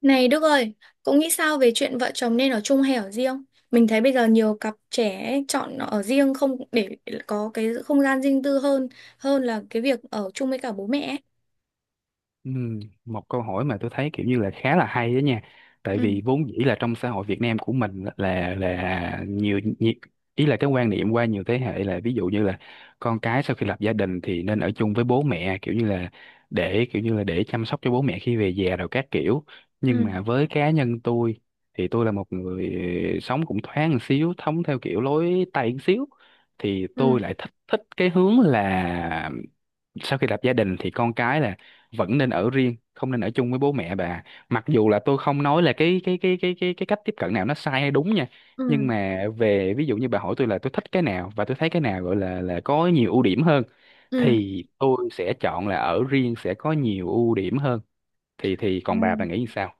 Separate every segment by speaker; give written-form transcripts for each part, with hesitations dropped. Speaker 1: Này Đức ơi, cậu nghĩ sao về chuyện vợ chồng nên ở chung hay ở riêng? Mình thấy bây giờ nhiều cặp trẻ ấy chọn ở riêng không để có cái không gian riêng tư hơn hơn là cái việc ở chung với cả bố mẹ ấy.
Speaker 2: Ừ, một câu hỏi mà tôi thấy kiểu như là khá là hay đó nha, tại
Speaker 1: Ừ.
Speaker 2: vì vốn dĩ là trong xã hội Việt Nam của mình là nhiều, nhiều ý là cái quan niệm qua nhiều thế hệ là ví dụ như là con cái sau khi lập gia đình thì nên ở chung với bố mẹ, kiểu như là để chăm sóc cho bố mẹ khi về già rồi các kiểu. Nhưng
Speaker 1: Ừ.
Speaker 2: mà với cá nhân tôi thì tôi là một người sống cũng thoáng một xíu, sống theo kiểu lối Tây một xíu, thì tôi
Speaker 1: Ừ.
Speaker 2: lại thích thích cái hướng là sau khi lập gia đình thì con cái là vẫn nên ở riêng, không nên ở chung với bố mẹ, bà. Mặc dù là tôi không nói là cái cách tiếp cận nào nó sai hay đúng nha,
Speaker 1: Ừ.
Speaker 2: nhưng mà về ví dụ như bà hỏi tôi là tôi thích cái nào và tôi thấy cái nào gọi là có nhiều ưu điểm hơn
Speaker 1: Ừ.
Speaker 2: thì tôi sẽ chọn là ở riêng sẽ có nhiều ưu điểm hơn. Thì còn bà
Speaker 1: Ừ.
Speaker 2: nghĩ như sao?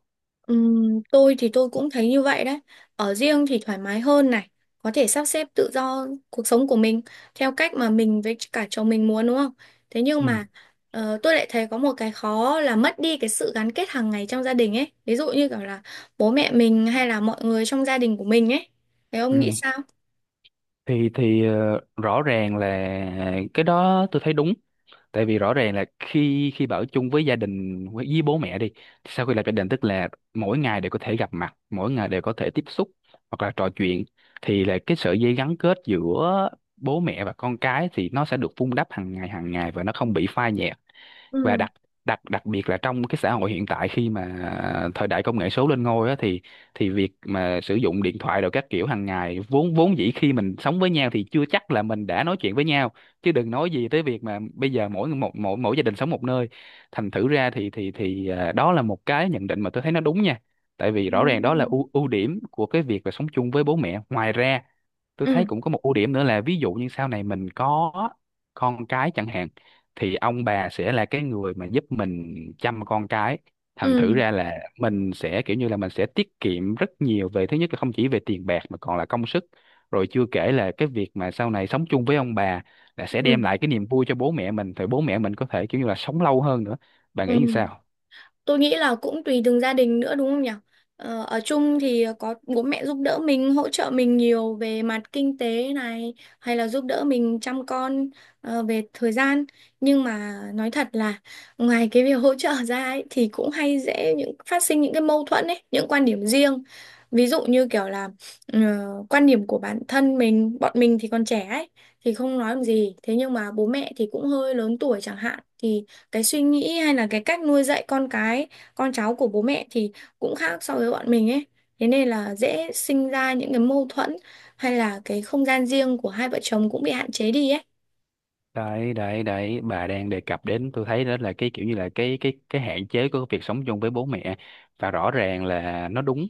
Speaker 1: Tôi thì tôi cũng thấy như vậy đấy. Ở riêng thì thoải mái hơn này, có thể sắp xếp tự do cuộc sống của mình theo cách mà mình với cả chồng mình muốn đúng không? Thế nhưng
Speaker 2: Ừ.
Speaker 1: mà tôi lại thấy có một cái khó là mất đi cái sự gắn kết hàng ngày trong gia đình ấy. Ví dụ như kiểu là bố mẹ mình hay là mọi người trong gia đình của mình ấy. Thế
Speaker 2: Ừ.
Speaker 1: ông nghĩ sao?
Speaker 2: Rõ ràng là cái đó tôi thấy đúng, tại vì rõ ràng là khi khi ở chung với gia đình, với bố mẹ đi, sau khi lập gia đình, tức là mỗi ngày đều có thể gặp mặt, mỗi ngày đều có thể tiếp xúc hoặc là trò chuyện, thì là cái sợi dây gắn kết giữa bố mẹ và con cái thì nó sẽ được vun đắp hàng ngày và nó không bị phai nhạt. Và
Speaker 1: Ừ.
Speaker 2: đặc đặc đặc biệt là trong cái xã hội hiện tại, khi mà thời đại công nghệ số lên ngôi á, thì việc mà sử dụng điện thoại rồi các kiểu hàng ngày, vốn vốn dĩ khi mình sống với nhau thì chưa chắc là mình đã nói chuyện với nhau, chứ đừng nói gì tới việc mà bây giờ mỗi một, mỗi mỗi gia đình sống một nơi. Thành thử ra đó là một cái nhận định mà tôi thấy nó đúng nha, tại vì rõ ràng đó là
Speaker 1: Ừ.
Speaker 2: ưu ưu điểm của cái việc là sống chung với bố mẹ. Ngoài ra tôi thấy
Speaker 1: Ừ.
Speaker 2: cũng có một ưu điểm nữa là ví dụ như sau này mình có con cái chẳng hạn, thì ông bà sẽ là cái người mà giúp mình chăm con cái. Thành
Speaker 1: Ừ.
Speaker 2: thử ra là mình sẽ kiểu như là mình sẽ tiết kiệm rất nhiều về, thứ nhất là không chỉ về tiền bạc mà còn là công sức. Rồi chưa kể là cái việc mà sau này sống chung với ông bà là sẽ đem
Speaker 1: Ừ.
Speaker 2: lại cái niềm vui cho bố mẹ mình, thì bố mẹ mình có thể kiểu như là sống lâu hơn nữa. Bạn nghĩ như
Speaker 1: Ừ.
Speaker 2: sao?
Speaker 1: Tôi nghĩ là cũng tùy từng gia đình nữa đúng không nhỉ? Ờ, ở chung thì có bố mẹ giúp đỡ mình, hỗ trợ mình nhiều về mặt kinh tế này, hay là giúp đỡ mình chăm con, về thời gian. Nhưng mà nói thật là ngoài cái việc hỗ trợ ra ấy, thì cũng hay dễ những phát sinh những cái mâu thuẫn ấy, những quan điểm riêng. Ví dụ như kiểu là ờ, quan điểm của bản thân mình, bọn mình thì còn trẻ ấy, thì không nói làm gì. Thế nhưng mà bố mẹ thì cũng hơi lớn tuổi chẳng hạn, thì cái suy nghĩ hay là cái cách nuôi dạy con cái con cháu của bố mẹ thì cũng khác so với bọn mình ấy, thế nên là dễ sinh ra những cái mâu thuẫn hay là cái không gian riêng của hai vợ chồng cũng bị hạn chế đi ấy.
Speaker 2: Đấy đấy đấy, bà đang đề cập đến, tôi thấy đó là cái kiểu như là cái hạn chế của việc sống chung với bố mẹ, và rõ ràng là nó đúng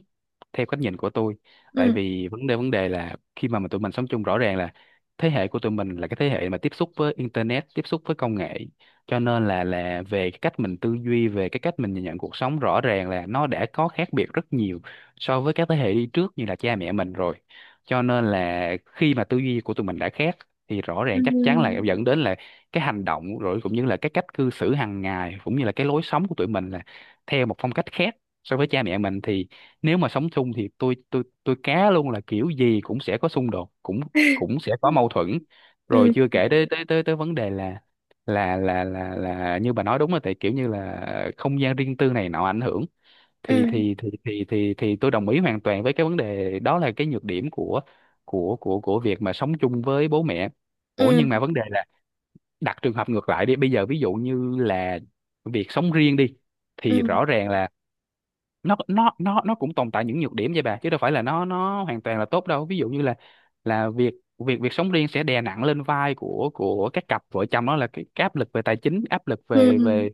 Speaker 2: theo cách nhìn của tôi, tại
Speaker 1: Ừ.
Speaker 2: vì vấn đề là khi mà tụi mình sống chung, rõ ràng là thế hệ của tụi mình là cái thế hệ mà tiếp xúc với internet, tiếp xúc với công nghệ, cho nên là về cái cách mình tư duy, về cái cách mình nhìn nhận cuộc sống, rõ ràng là nó đã có khác biệt rất nhiều so với các thế hệ đi trước như là cha mẹ mình rồi. Cho nên là khi mà tư duy của tụi mình đã khác thì rõ ràng chắc chắn là
Speaker 1: Ừ.
Speaker 2: dẫn đến là cái hành động rồi cũng như là cái cách cư xử hàng ngày, cũng như là cái lối sống của tụi mình là theo một phong cách khác so với cha mẹ mình. Thì nếu mà sống chung thì tôi cá luôn là kiểu gì cũng sẽ có xung đột, cũng cũng sẽ có mâu thuẫn. Rồi
Speaker 1: Ừ.
Speaker 2: chưa kể tới tới tới tới vấn đề là là như bà nói, đúng là tại kiểu như là không gian riêng tư này nọ ảnh hưởng, thì
Speaker 1: Ừ.
Speaker 2: thì thì thì thì thì tôi đồng ý hoàn toàn với cái vấn đề đó, là cái nhược điểm của của việc mà sống chung với bố mẹ. Ủa nhưng
Speaker 1: Ừ.
Speaker 2: mà vấn đề là đặt trường hợp ngược lại đi, bây giờ ví dụ như là việc sống riêng đi,
Speaker 1: Ừ.
Speaker 2: thì rõ ràng là nó cũng tồn tại những nhược điểm vậy bà, chứ đâu phải là nó hoàn toàn là tốt đâu. Ví dụ như là việc việc việc sống riêng sẽ đè nặng lên vai của các cặp vợ chồng, đó là cái áp lực về tài chính, áp lực về
Speaker 1: Ừ.
Speaker 2: về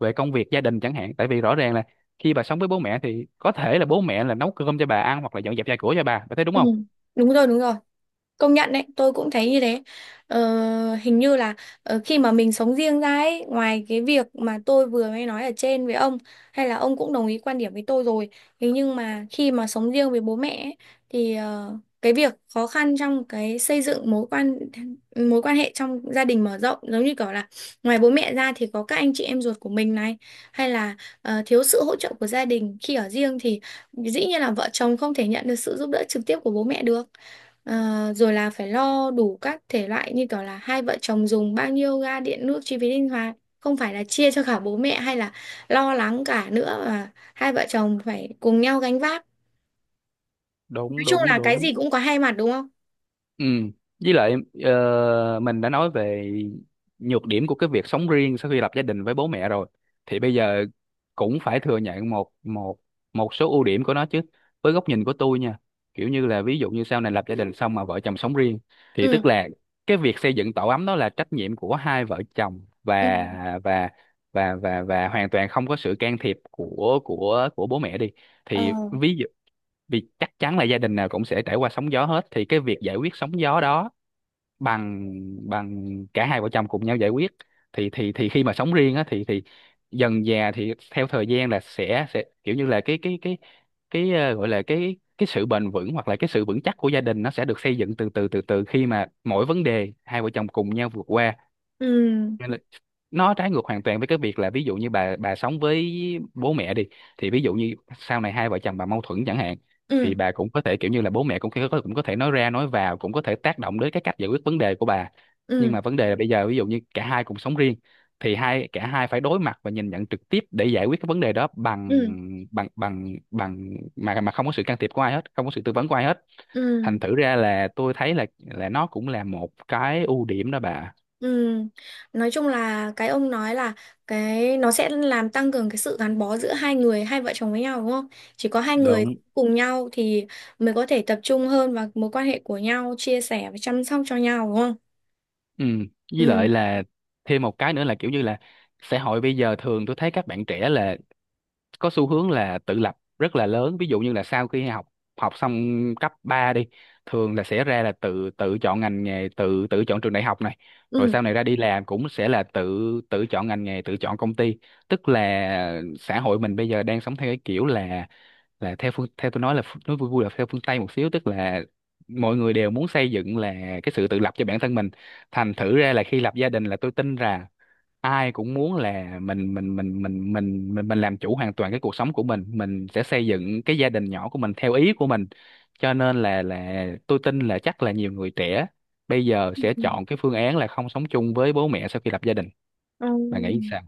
Speaker 2: về công việc gia đình chẳng hạn. Tại vì rõ ràng là khi bà sống với bố mẹ thì có thể là bố mẹ là nấu cơm cho bà ăn, hoặc là dọn dẹp nhà cửa cho bà thấy đúng
Speaker 1: Ừ.
Speaker 2: không?
Speaker 1: Đúng rồi, đúng rồi. Công nhận đấy, tôi cũng thấy như thế. Ờ, hình như là khi mà mình sống riêng ra ấy, ngoài cái việc mà tôi vừa mới nói ở trên với ông, hay là ông cũng đồng ý quan điểm với tôi rồi. Thế nhưng mà khi mà sống riêng với bố mẹ ấy, thì cái việc khó khăn trong cái xây dựng mối quan hệ trong gia đình mở rộng giống như kiểu là ngoài bố mẹ ra thì có các anh chị em ruột của mình này, hay là thiếu sự hỗ trợ của gia đình khi ở riêng thì dĩ nhiên là vợ chồng không thể nhận được sự giúp đỡ trực tiếp của bố mẹ được. Ờ, rồi là phải lo đủ các thể loại như kiểu là hai vợ chồng dùng bao nhiêu ga điện nước chi phí linh hoạt không phải là chia cho cả bố mẹ hay là lo lắng cả nữa mà hai vợ chồng phải cùng nhau gánh vác. Nói
Speaker 2: Đúng,
Speaker 1: chung
Speaker 2: đúng,
Speaker 1: là cái
Speaker 2: đúng.
Speaker 1: gì cũng có hai mặt đúng không?
Speaker 2: Ừ. Với lại mình đã nói về nhược điểm của cái việc sống riêng sau khi lập gia đình với bố mẹ rồi, thì bây giờ cũng phải thừa nhận một một một số ưu điểm của nó chứ, với góc nhìn của tôi nha. Kiểu như là ví dụ như sau này lập gia đình xong mà vợ chồng sống riêng thì
Speaker 1: Ừ.
Speaker 2: tức là cái việc xây dựng tổ ấm đó là trách nhiệm của hai vợ chồng,
Speaker 1: Ừ.
Speaker 2: và hoàn toàn không có sự can thiệp của bố mẹ đi.
Speaker 1: Ờ.
Speaker 2: Thì vì chắc chắn là gia đình nào cũng sẽ trải qua sóng gió hết, thì cái việc giải quyết sóng gió đó bằng bằng cả hai vợ chồng cùng nhau giải quyết, thì khi mà sống riêng á thì dần dà thì theo thời gian là sẽ kiểu như là gọi là cái sự bền vững, hoặc là cái sự vững chắc của gia đình, nó sẽ được xây dựng từ từ khi mà mỗi vấn đề hai vợ chồng cùng nhau vượt qua.
Speaker 1: Ừ.
Speaker 2: Nên là nó trái ngược hoàn toàn với cái việc là, ví dụ như bà sống với bố mẹ đi, thì ví dụ như sau này hai vợ chồng bà mâu thuẫn chẳng hạn,
Speaker 1: Ừ.
Speaker 2: thì bà cũng có thể kiểu như là bố mẹ cũng có thể nói ra nói vào, cũng có thể tác động đến cái cách giải quyết vấn đề của bà.
Speaker 1: Ừ.
Speaker 2: Nhưng mà vấn đề là bây giờ ví dụ như cả hai cùng sống riêng, thì cả hai phải đối mặt và nhìn nhận trực tiếp để giải quyết cái vấn đề đó bằng
Speaker 1: Ừ.
Speaker 2: bằng bằng bằng mà không có sự can thiệp của ai hết, không có sự tư vấn của ai hết. Thành
Speaker 1: Ừ.
Speaker 2: thử ra là tôi thấy là nó cũng là một cái ưu điểm đó bà.
Speaker 1: Ừ. Nói chung là cái ông nói là cái nó sẽ làm tăng cường cái sự gắn bó giữa hai người hai vợ chồng với nhau đúng không? Chỉ có hai người
Speaker 2: Đúng.
Speaker 1: cùng nhau thì mới có thể tập trung hơn vào mối quan hệ của nhau, chia sẻ và chăm sóc cho nhau đúng không?
Speaker 2: Ừ, với lại
Speaker 1: Ừ.
Speaker 2: là thêm một cái nữa là kiểu như là xã hội bây giờ thường tôi thấy các bạn trẻ là có xu hướng là tự lập rất là lớn, ví dụ như là sau khi học học xong cấp 3 đi, thường là sẽ ra là tự tự chọn ngành nghề, tự tự chọn trường đại học này, rồi
Speaker 1: Ừ.
Speaker 2: sau này ra đi làm cũng sẽ là tự tự chọn ngành nghề, tự chọn công ty. Tức là xã hội mình bây giờ đang sống theo cái kiểu là theo tôi nói là nói vui vui là theo phương Tây một xíu, tức là mọi người đều muốn xây dựng là cái sự tự lập cho bản thân mình. Thành thử ra là khi lập gia đình là tôi tin rằng ai cũng muốn là mình mình làm chủ hoàn toàn cái cuộc sống của mình sẽ xây dựng cái gia đình nhỏ của mình theo ý của mình. Cho nên là tôi tin là chắc là nhiều người trẻ bây giờ sẽ chọn cái phương án là không sống chung với bố mẹ sau khi lập gia đình.
Speaker 1: Ừ.
Speaker 2: Bạn nghĩ sao?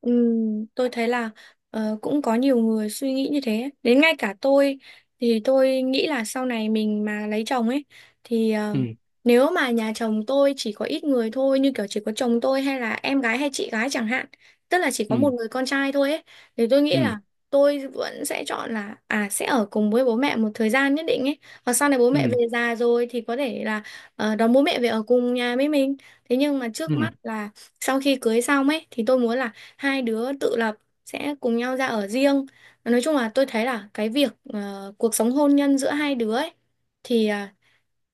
Speaker 1: Tôi thấy là cũng có nhiều người suy nghĩ như thế. Đến ngay cả tôi thì tôi nghĩ là sau này mình mà lấy chồng ấy thì
Speaker 2: Ừ,
Speaker 1: nếu mà nhà chồng tôi chỉ có ít người thôi như kiểu chỉ có chồng tôi hay là em gái hay chị gái chẳng hạn, tức là chỉ có
Speaker 2: ừ,
Speaker 1: một người con trai thôi ấy thì tôi nghĩ
Speaker 2: ừ,
Speaker 1: là tôi vẫn sẽ chọn là à sẽ ở cùng với bố mẹ một thời gian nhất định ấy. Hoặc sau này bố mẹ về già rồi thì có thể là đón bố mẹ về ở cùng nhà với mình. Thế nhưng mà
Speaker 2: ừ.
Speaker 1: trước mắt là sau khi cưới xong ấy thì tôi muốn là hai đứa tự lập sẽ cùng nhau ra ở riêng. Nói chung là tôi thấy là cái việc cuộc sống hôn nhân giữa hai đứa ấy, thì à,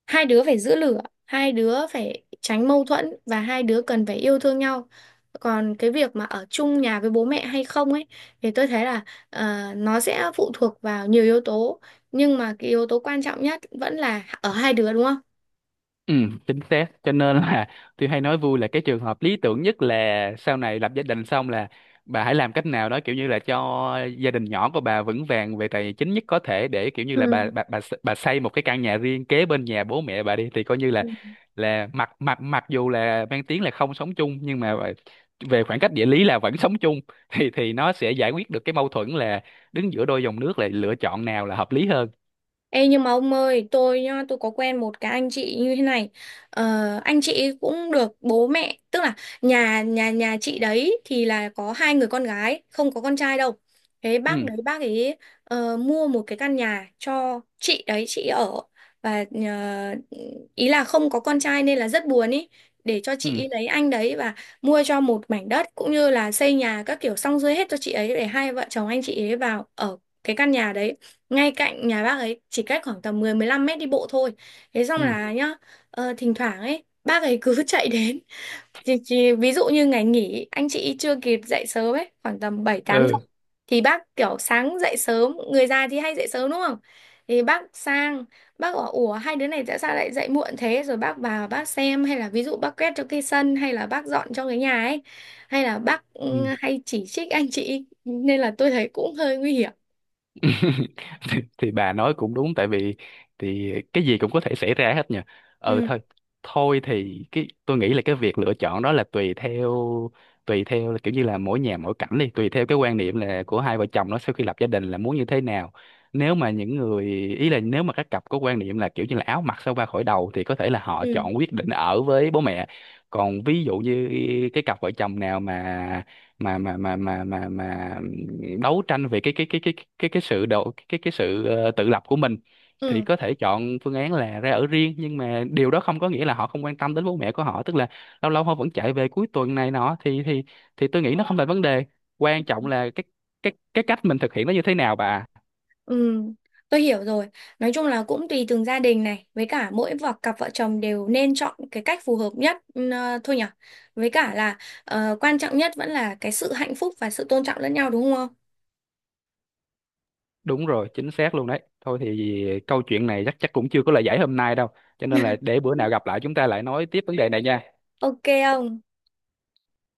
Speaker 1: hai đứa phải giữ lửa, hai đứa phải tránh mâu thuẫn và hai đứa cần phải yêu thương nhau, còn cái việc mà ở chung nhà với bố mẹ hay không ấy thì tôi thấy là nó sẽ phụ thuộc vào nhiều yếu tố, nhưng mà cái yếu tố quan trọng nhất vẫn là ở hai đứa đúng
Speaker 2: Ừ, chính xác. Cho nên là tôi hay nói vui là cái trường hợp lý tưởng nhất là sau này lập gia đình xong là bà hãy làm cách nào đó, kiểu như là cho gia đình nhỏ của bà vững vàng về tài chính nhất có thể, để kiểu như là
Speaker 1: không?
Speaker 2: bà xây một cái căn nhà riêng kế bên nhà bố mẹ bà đi, thì coi như
Speaker 1: Ừ.
Speaker 2: là mặc mặc mặc dù là mang tiếng là không sống chung nhưng mà về khoảng cách địa lý là vẫn sống chung, thì nó sẽ giải quyết được cái mâu thuẫn là đứng giữa đôi dòng nước là lựa chọn nào là hợp lý hơn.
Speaker 1: Ê nhưng mà ông ơi, tôi nhá, tôi có quen một cái anh chị như thế này. Ờ, anh chị cũng được bố mẹ, tức là nhà nhà nhà chị đấy thì là có hai người con gái, không có con trai đâu. Thế bác
Speaker 2: Ừ,
Speaker 1: đấy bác ấy mua một cái căn nhà cho chị đấy chị ở, và ý là không có con trai nên là rất buồn ý, để cho chị
Speaker 2: ừ,
Speaker 1: ấy lấy anh đấy và mua cho một mảnh đất cũng như là xây nhà các kiểu xong xuôi hết cho chị ấy để hai vợ chồng anh chị ấy vào ở cái căn nhà đấy, ngay cạnh nhà bác ấy, chỉ cách khoảng tầm 10-15 mét đi bộ thôi. Thế xong
Speaker 2: ừ,
Speaker 1: là nhá, thỉnh thoảng ấy bác ấy cứ chạy đến. Ví dụ như ngày nghỉ anh chị chưa kịp dậy sớm ấy, khoảng tầm 7-8 giờ, thì bác kiểu sáng dậy sớm, người già thì hay dậy sớm đúng không? Thì bác sang, bác bảo ủa hai đứa này tại sao lại dậy muộn thế, rồi bác vào bác xem hay là ví dụ bác quét cho cái sân hay là bác dọn cho cái nhà ấy, hay là bác
Speaker 2: ừ.
Speaker 1: hay chỉ trích anh chị nên là tôi thấy cũng hơi nguy hiểm.
Speaker 2: Thì, bà nói cũng đúng, tại vì cái gì cũng có thể xảy ra hết nhỉ.
Speaker 1: Ừ.
Speaker 2: Thôi, thôi thì cái tôi nghĩ là cái việc lựa chọn đó là tùy theo, là kiểu như là mỗi nhà mỗi cảnh đi, tùy theo cái quan niệm là của hai vợ chồng nó sau khi lập gia đình là muốn như thế nào. Nếu mà những người, ý là nếu mà các cặp có quan niệm là kiểu như là áo mặc sao ba khỏi đầu thì có thể là họ
Speaker 1: Ừ.
Speaker 2: chọn quyết định ở với bố mẹ. Còn ví dụ như cái cặp vợ chồng nào mà đấu tranh về cái sự tự lập của mình, thì
Speaker 1: Ừ.
Speaker 2: có thể chọn phương án là ra ở riêng. Nhưng mà điều đó không có nghĩa là họ không quan tâm đến bố mẹ của họ, tức là lâu lâu họ vẫn chạy về cuối tuần này nọ, thì tôi nghĩ nó không là vấn đề. Quan trọng là cái cách mình thực hiện nó như thế nào, bà à?
Speaker 1: Ừ, tôi hiểu rồi. Nói chung là cũng tùy từng gia đình này, với cả mỗi cặp vợ chồng đều nên chọn cái cách phù hợp nhất, thôi nhở. Với cả là quan trọng nhất vẫn là cái sự hạnh phúc và sự tôn trọng lẫn nhau đúng không?
Speaker 2: Đúng rồi, chính xác luôn đấy. Thôi thì câu chuyện này chắc chắc cũng chưa có lời giải hôm nay đâu, cho nên là để bữa nào gặp lại chúng ta lại nói tiếp vấn đề này nha.
Speaker 1: Ok không?